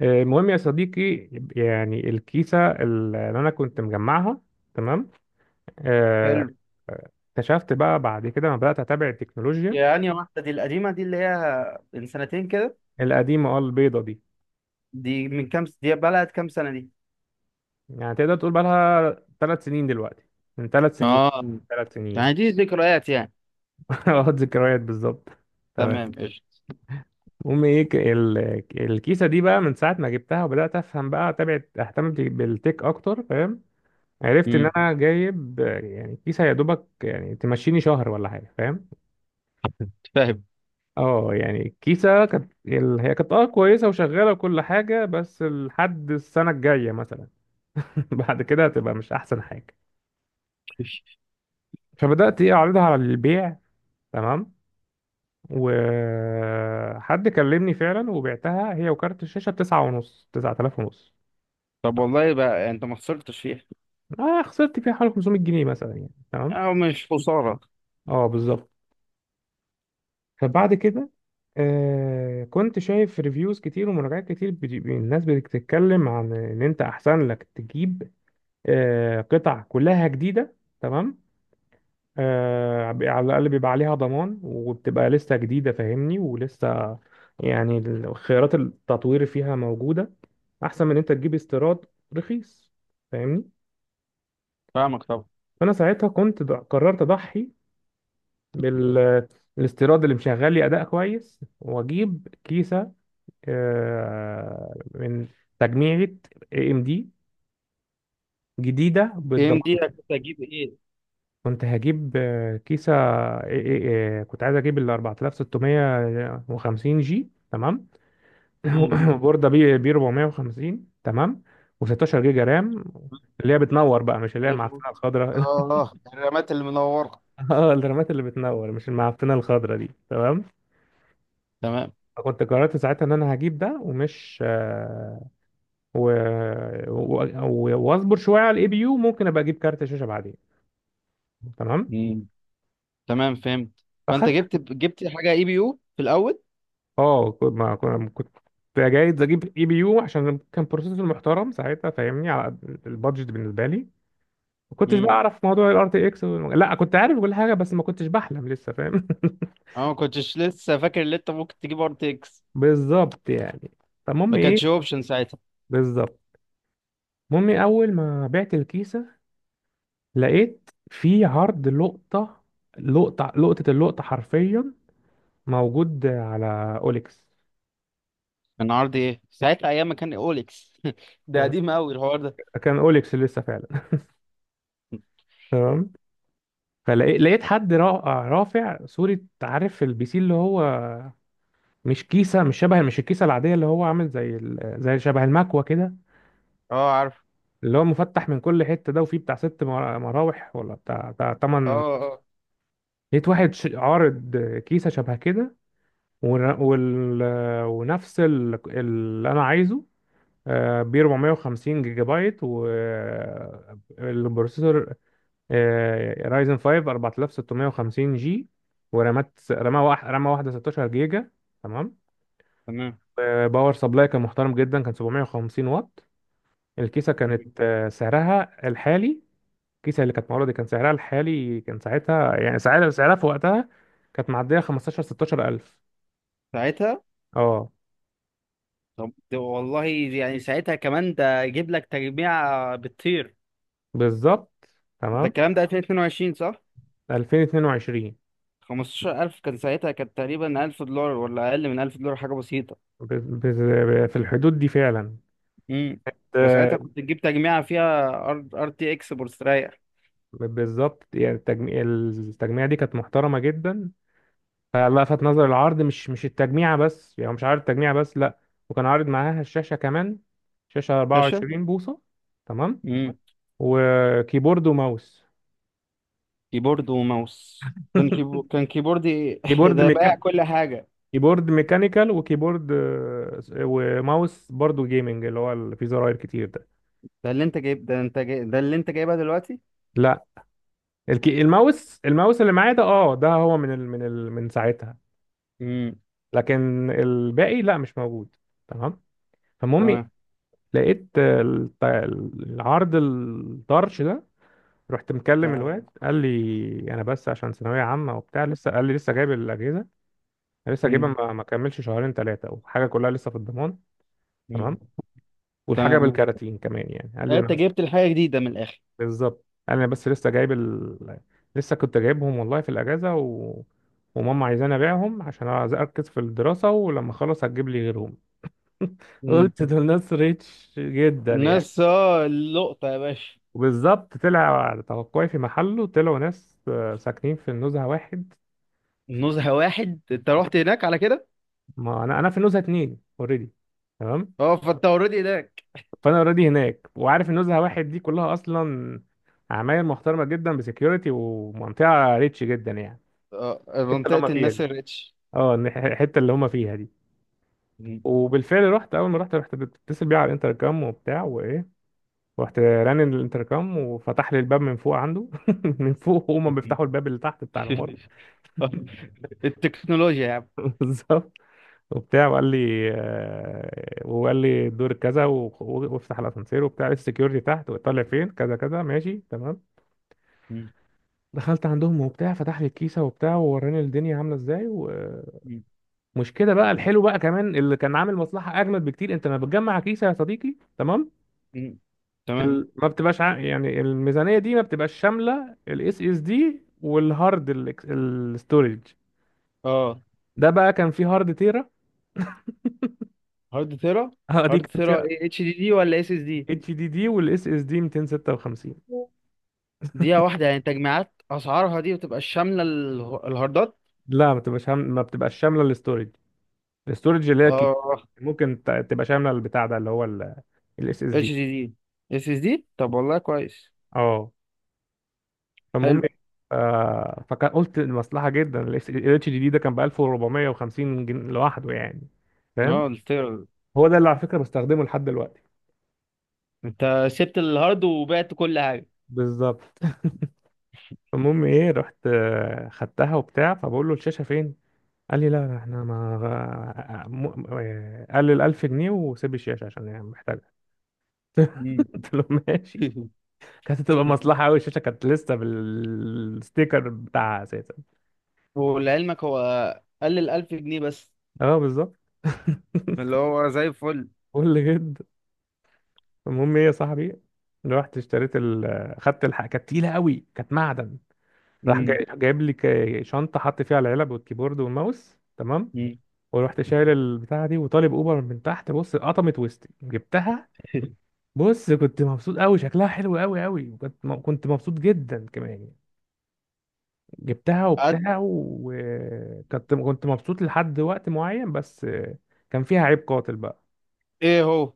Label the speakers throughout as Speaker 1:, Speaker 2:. Speaker 1: المهم يا صديقي، يعني الكيسة اللي أنا كنت مجمعها. تمام. آه،
Speaker 2: حلو.
Speaker 1: اكتشفت بقى بعد كده لما بدأت أتابع التكنولوجيا.
Speaker 2: يعني واحدة دي القديمة دي اللي هي من سنتين كده.
Speaker 1: القديمة اه البيضة دي،
Speaker 2: دي بقالها كام سنة دي؟
Speaker 1: يعني تقدر تقول بقى لها 3 سنين دلوقتي. من 3 سنين،
Speaker 2: اه، مم.
Speaker 1: ثلاث سنين.
Speaker 2: يعني دي ذكريات يعني.
Speaker 1: اه، ذكريات بالظبط.
Speaker 2: تمام، قشطة.
Speaker 1: المهم ايه، الكيسة دي بقى من ساعة ما جبتها وبدأت أفهم بقى أتابع أهتم بالتك أكتر، فاهم؟ عرفت إن
Speaker 2: امم.
Speaker 1: أنا جايب يعني كيسة يا دوبك، يعني تمشيني شهر ولا حاجة، فاهم؟
Speaker 2: فاهم.
Speaker 1: اه يعني كيسة كانت هي كانت اه كويسة وشغالة وكل حاجة، بس لحد السنة الجاية مثلا. بعد كده هتبقى مش أحسن حاجة. فبدأت ايه، أعرضها على البيع. تمام. وحد كلمني فعلا وبعتها هي وكارت الشاشة بتسعة ونص، 9500.
Speaker 2: طب والله بقى انت ما خسرتش فيها.
Speaker 1: أنا خسرت فيها حوالي 500 جنيه مثلا يعني، تمام.
Speaker 2: او مش خساره.
Speaker 1: اه بالظبط. فبعد كده كنت شايف ريفيوز كتير ومراجعات كتير، الناس بتتكلم عن ان انت احسن لك تجيب قطع كلها جديدة. تمام. على الأقل بيبقى عليها ضمان وبتبقى لسه جديدة، فاهمني؟ ولسه يعني خيارات التطوير فيها موجودة، أحسن من إن أنت تجيب استيراد رخيص، فاهمني؟
Speaker 2: فاهمك طبعا.
Speaker 1: فأنا ساعتها قررت أضحي بالاستيراد اللي مشغل لي أداء كويس، وأجيب كيسة من تجميعة اي ام دي جديدة
Speaker 2: ام دي
Speaker 1: بالضمان.
Speaker 2: كنت اجيب ايه؟
Speaker 1: كنت هجيب كيسة. إيه- إيه- إيه، كنت عايز اجيب ال 4650 جي، تمام.
Speaker 2: امم.
Speaker 1: وبوردة بي بي 450، تمام. و16 جيجا رام، اللي هي بتنور بقى، مش اللي هي
Speaker 2: افرض.
Speaker 1: المعفنة الخضراء.
Speaker 2: اه، الرامات اللي منورة.
Speaker 1: اه الرامات اللي بتنور، مش المعفنة الخضراء دي، تمام.
Speaker 2: تمام.
Speaker 1: فكنت قررت ساعتها ان انا هجيب ده ومش و... واصبر شوية على الاي بي يو، ممكن ابقى اجيب كارت شاشة بعدين. تمام.
Speaker 2: امم. تمام، فهمت. فانت
Speaker 1: فاخدت
Speaker 2: جبت حاجه اي بي يو في الاول.
Speaker 1: اه كنت- ما كنا- كنت جايز اجيب اي بي يو عشان كان بروسيسور محترم ساعتها، فاهمني، على قد البادجت بالنسبه لي. ما كنتش بقى
Speaker 2: امم.
Speaker 1: اعرف موضوع الار تي اكس، لا كنت عارف كل حاجه بس ما كنتش بحلم لسه، فاهم؟
Speaker 2: انا ما كنتش لسه فاكر ان انت ممكن تجيب ار تي اكس.
Speaker 1: بالظبط يعني، فالمهم
Speaker 2: ما كانتش
Speaker 1: ايه؟
Speaker 2: اوبشن ساعتها.
Speaker 1: بالظبط. المهم إيه؟ اول ما بعت الكيسه لقيت في عرض لقطه، لقطه لقطه، اللقطه حرفيا موجود على اوليكس.
Speaker 2: كان عرض ايه ساعتها ايام ما كان اوليكس؟ ده
Speaker 1: كان
Speaker 2: قديم قوي الحوار ده.
Speaker 1: كان اوليكس لسه فعلا. تمام. فلقيت حد رافع صورة، عارف البي سي اللي هو مش كيسة، مش شبه، مش الكيسة العادية، اللي هو عامل زي زي شبه المكوة كده،
Speaker 2: اه، عارف.
Speaker 1: اللي هو مفتح من كل حتة ده، وفيه بتاع ست مراوح ولا بتاع
Speaker 2: اه
Speaker 1: تمن.
Speaker 2: اه.
Speaker 1: لقيت واحد عارض كيسة شبه كده، ور- وال... ونفس اللي أنا عايزه، ب 450 جيجا بايت، والبروسيسور رايزن 5 4650 جي، ورامات رامة واحدة 16 جيجا، تمام.
Speaker 2: تمام
Speaker 1: باور سبلاي كان محترم جدا، كان 750 واط. الكيسة كانت سعرها الحالي، الكيسة اللي كانت معروضة دي كان سعرها الحالي كان ساعتها يعني، سعرها في وقتها، كانت معدية 15، 16 ألف.
Speaker 2: ساعتها.
Speaker 1: اه
Speaker 2: طب ده والله يعني ساعتها كمان ده جيب لك تجميع بتطير.
Speaker 1: بالظبط.
Speaker 2: ده
Speaker 1: تمام.
Speaker 2: الكلام ده 2022 صح؟
Speaker 1: 2022.
Speaker 2: 15,000 كان ساعتها، كانت تقريبا $1000 ولا اقل من $1000، حاجه بسيطه.
Speaker 1: في الحدود دي فعلا.
Speaker 2: امم. ده
Speaker 1: آه،
Speaker 2: ساعتها كنت تجيب تجميعه فيها ار تي اكس مستريح.
Speaker 1: بالظبط يعني، التجميع، دي كانت محترمة جدا. فلفت نظر العرض، مش التجميعة بس، يعني هو مش عارض التجميعة بس، لا، وكان عارض معاها الشاشة كمان. شاشة
Speaker 2: شاشه.
Speaker 1: 24 بوصة، تمام.
Speaker 2: امم.
Speaker 1: وكيبورد وماوس.
Speaker 2: كيبورد وماوس. كان كيبوردي.
Speaker 1: كيبورد
Speaker 2: ده بايع
Speaker 1: ميكا...
Speaker 2: كل حاجه.
Speaker 1: كيبورد ميكانيكال، وكيبورد وماوس برضو جيمنج، اللي هو اللي فيه زراير كتير ده.
Speaker 2: ده اللي انت جايبها دلوقتي؟
Speaker 1: لا، الماوس اللي معايا ده اه، ده هو من ساعتها.
Speaker 2: امم.
Speaker 1: لكن الباقي لا مش موجود، تمام. فالمهم إيه؟
Speaker 2: تمام.
Speaker 1: لقيت العرض الطرش ده، رحت مكلم
Speaker 2: تمام.
Speaker 1: الواد قال لي، انا بس عشان ثانويه عامه وبتاع لسه، قال لي لسه جايب الاجهزه، أنا لسه جايبها،
Speaker 2: مم.
Speaker 1: ما كملش شهرين ثلاثه، وحاجه كلها لسه في الضمان،
Speaker 2: امم.
Speaker 1: تمام. والحاجه
Speaker 2: تمام.
Speaker 1: بالكراتين كمان يعني، قال لي انا
Speaker 2: انت
Speaker 1: بس،
Speaker 2: جبت الحاجه جديده من الاخر.
Speaker 1: بالظبط، قال لي انا بس لسه جايب لسه كنت جايبهم والله في الاجازه وماما عايزاني ابيعهم عشان عايز اركز في الدراسه، ولما اخلص هتجيب لي غيرهم.
Speaker 2: مم.
Speaker 1: قلت دول ناس ريتش جدا يعني.
Speaker 2: الناس، اللقطه يا باشا.
Speaker 1: وبالظبط طلع على توقعي في محله، طلعوا ناس ساكنين في النزهه واحد.
Speaker 2: نزهه واحد انت رحت هناك على كده؟
Speaker 1: ما انا في نزهه اتنين اوريدي، تمام.
Speaker 2: اه، فانت اوريدي هناك.
Speaker 1: فانا اوريدي هناك، وعارف النزهه واحد دي كلها اصلا عماير محترمه جدا بسكيورتي، ومنطقه ريتش جدا يعني.
Speaker 2: اه،
Speaker 1: الحته اللي
Speaker 2: منطقه
Speaker 1: هم فيها دي،
Speaker 2: الناس الريتش.
Speaker 1: اه الحته اللي هم فيها دي.
Speaker 2: مم.
Speaker 1: وبالفعل رحت، اول ما رحت، بتصل بيه على الانتركام وبتاع وايه، رحت رن الانتركام وفتح لي الباب من فوق عنده. من فوق هما بيفتحوا الباب اللي تحت بتاع العمارة.
Speaker 2: التكنولوجيا يا عم.
Speaker 1: بالظبط. وبتاع وقال لي الدور كذا وافتح الاسانسير وبتاع، السكيورتي تحت وطلع فين كذا كذا، ماشي تمام.
Speaker 2: مم.
Speaker 1: دخلت عندهم وبتاع، فتح لي الكيسه وبتاع، ووراني الدنيا عامله ازاي، ومش كده بقى. الحلو بقى كمان اللي كان عامل مصلحه اجمد بكتير، انت لما بتجمع كيسه يا صديقي، تمام،
Speaker 2: مم. تمام.
Speaker 1: ما بتبقاش يعني الميزانيه دي ما بتبقاش شامله الاس اس دي والهارد، الاستورج.
Speaker 2: اه،
Speaker 1: ده بقى كان فيه هارد تيرا.
Speaker 2: هارد ثيرا.
Speaker 1: اه دي
Speaker 2: هارد
Speaker 1: كان
Speaker 2: ثيرا
Speaker 1: فيها
Speaker 2: ايه، اتش دي دي ولا اس اس دي؟
Speaker 1: اتش دي دي والاس اس دي 256.
Speaker 2: دقيقة واحدة، يعني تجميعات أسعارها دي بتبقى شاملة الهاردات؟
Speaker 1: لا، ما بتبقاش شامله الاستورج، الاستورج اللي هي كبيرة.
Speaker 2: اه.
Speaker 1: ممكن تبقى شامله البتاع ده اللي هو الاس اس
Speaker 2: اتش
Speaker 1: دي.
Speaker 2: دي دي، اس اس دي. طب والله كويس.
Speaker 1: اه فالمهم
Speaker 2: حلو.
Speaker 1: إيه؟ فكان قلت مصلحه جدا، الاتش دي دي ده كان ب 1450 جنيه لوحده يعني، فاهم؟
Speaker 2: اه، قلت.
Speaker 1: هو ده اللي على فكره بستخدمه لحد دلوقتي.
Speaker 2: انت سبت الهارد وبعت كل حاجه.
Speaker 1: بالظبط. المهم ايه، رحت خدتها وبتاع، فبقول له الشاشه فين، قال لي لا لا، احنا ما قال لي ال 1000 جنيه وسيب الشاشه عشان يعني محتاجها.
Speaker 2: مم.
Speaker 1: قلت له ماشي. كانت هتبقى مصلحة أوي، الشاشة كانت لسه بالستيكر بتاعها أساسا.
Speaker 2: ولعلمك هو قل الألف جنيه بس.
Speaker 1: اه بالظبط.
Speaker 2: اللي هو زي الفل.
Speaker 1: قول جد. المهم ايه يا صاحبي، رحت اشتريت ال آه، خدت الحق، كانت تقيلة أوي، كانت معدن. راح
Speaker 2: مم.
Speaker 1: جايب لي شنطة، حط فيها العلب والكيبورد والماوس، تمام.
Speaker 2: مم.
Speaker 1: ورحت شايل البتاعة دي وطالب أوبر من تحت، بص قطمت وسطي جبتها. بص كنت مبسوط أوي، شكلها حلو أوي أوي، وكنت كنت مبسوط جدا كمان. جبتها
Speaker 2: قعدت.
Speaker 1: وبتاع، وكنت مبسوط لحد وقت معين، بس كان فيها عيب قاتل بقى.
Speaker 2: ايه هو؟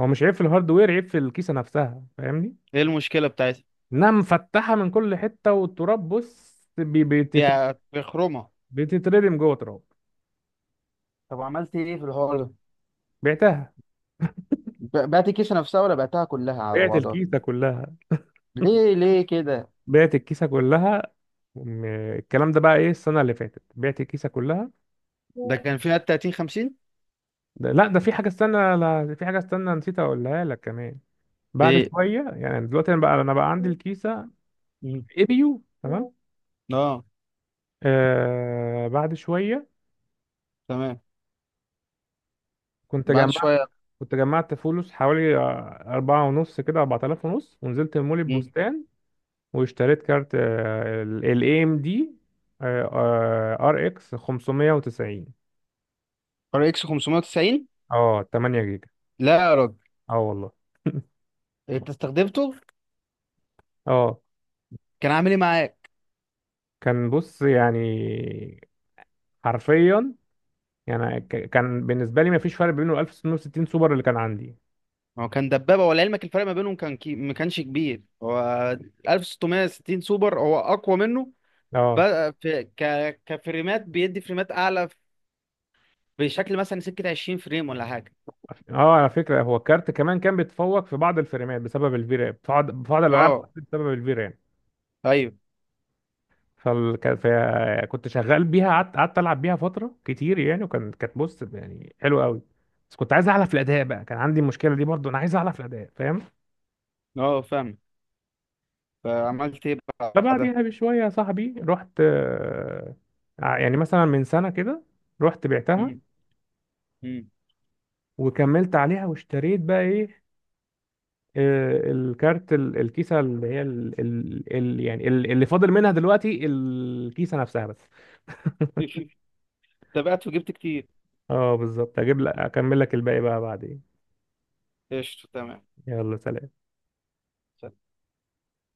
Speaker 1: هو مش عيب في الهاردوير، عيب في الكيسة نفسها، فاهمني؟
Speaker 2: ايه المشكلة بتاعتها؟
Speaker 1: انها مفتحة من كل حتة والتراب، بص
Speaker 2: دي بخرومة.
Speaker 1: بتتردم جوه تراب.
Speaker 2: طب عملت ايه في الحوار ده؟
Speaker 1: بعتها،
Speaker 2: بعت الكيسة نفسها ولا بعتها كلها على
Speaker 1: بعت
Speaker 2: بعضها؟
Speaker 1: الكيسة كلها.
Speaker 2: ليه ليه كده؟
Speaker 1: بعت الكيسة كلها. م- الكلام ده بقى ايه السنة اللي فاتت، بعت الكيسة كلها.
Speaker 2: ده كان فيها 30 50
Speaker 1: ده لا، ده في حاجة استنى، لا في حاجة استنى، نسيت اقولها لك كمان. بعد
Speaker 2: ايه؟
Speaker 1: شوية، يعني دلوقتي انا بقى عندي الكيسة
Speaker 2: مم.
Speaker 1: ابيو، تمام.
Speaker 2: اه.
Speaker 1: بعد شويه
Speaker 2: تمام.
Speaker 1: كنت
Speaker 2: بعد
Speaker 1: جمعت،
Speaker 2: شويه.
Speaker 1: كنت جمعت فلوس حوالي أربعة ونص كده، 4500، ونزلت مول
Speaker 2: مم.
Speaker 1: البستان واشتريت كارت ال ام دي ار اكس 590.
Speaker 2: ار اكس 590؟
Speaker 1: اه 8 جيجا.
Speaker 2: لا يا راجل.
Speaker 1: اه والله.
Speaker 2: انت استخدمته؟
Speaker 1: اه
Speaker 2: كان عامل ايه معاك؟
Speaker 1: كان بص يعني، حرفيا يعني، كان بالنسبه لي ما فيش فرق بينه 1660 سوبر اللي كان عندي.
Speaker 2: هو كان دبابه، ولعلمك الفرق ما بينهم ما كانش كبير. هو 1660 سوبر هو اقوى منه.
Speaker 1: اه،
Speaker 2: بقى في كفريمات، بيدي فريمات اعلى. بشكل مثلا سكه 20 فريم ولا حاجه.
Speaker 1: اه، على فكره هو الكارت كمان كان بيتفوق في بعض الفريمات بسبب الفيران، في بعض الالعاب
Speaker 2: اه،
Speaker 1: بسبب الفيران.
Speaker 2: ايوه.
Speaker 1: كنت شغال بيها، قعدت العب بيها فتره كتير يعني، وكان كانت بص يعني حلوه قوي. بس كنت عايز اعلى في الاداء بقى، كان عندي المشكله دي برضو، انا عايز اعلى في الاداء، فاهم؟
Speaker 2: اه، فاهم. فعملت ايه بعدها؟
Speaker 1: فبعديها بشويه يا صاحبي، رحت يعني مثلا من سنه كده رحت بعتها،
Speaker 2: مم. مم.
Speaker 1: وكملت عليها واشتريت بقى ايه، الكيسه اللي هي ال ال ال يعني اللي فاضل منها دلوقتي الكيسه نفسها بس.
Speaker 2: تابعت وجبت كتير.
Speaker 1: اه بالظبط، هجيب لك اكمل لك الباقي بقى بعدين.
Speaker 2: قشطه، تمام.
Speaker 1: يلا سلام.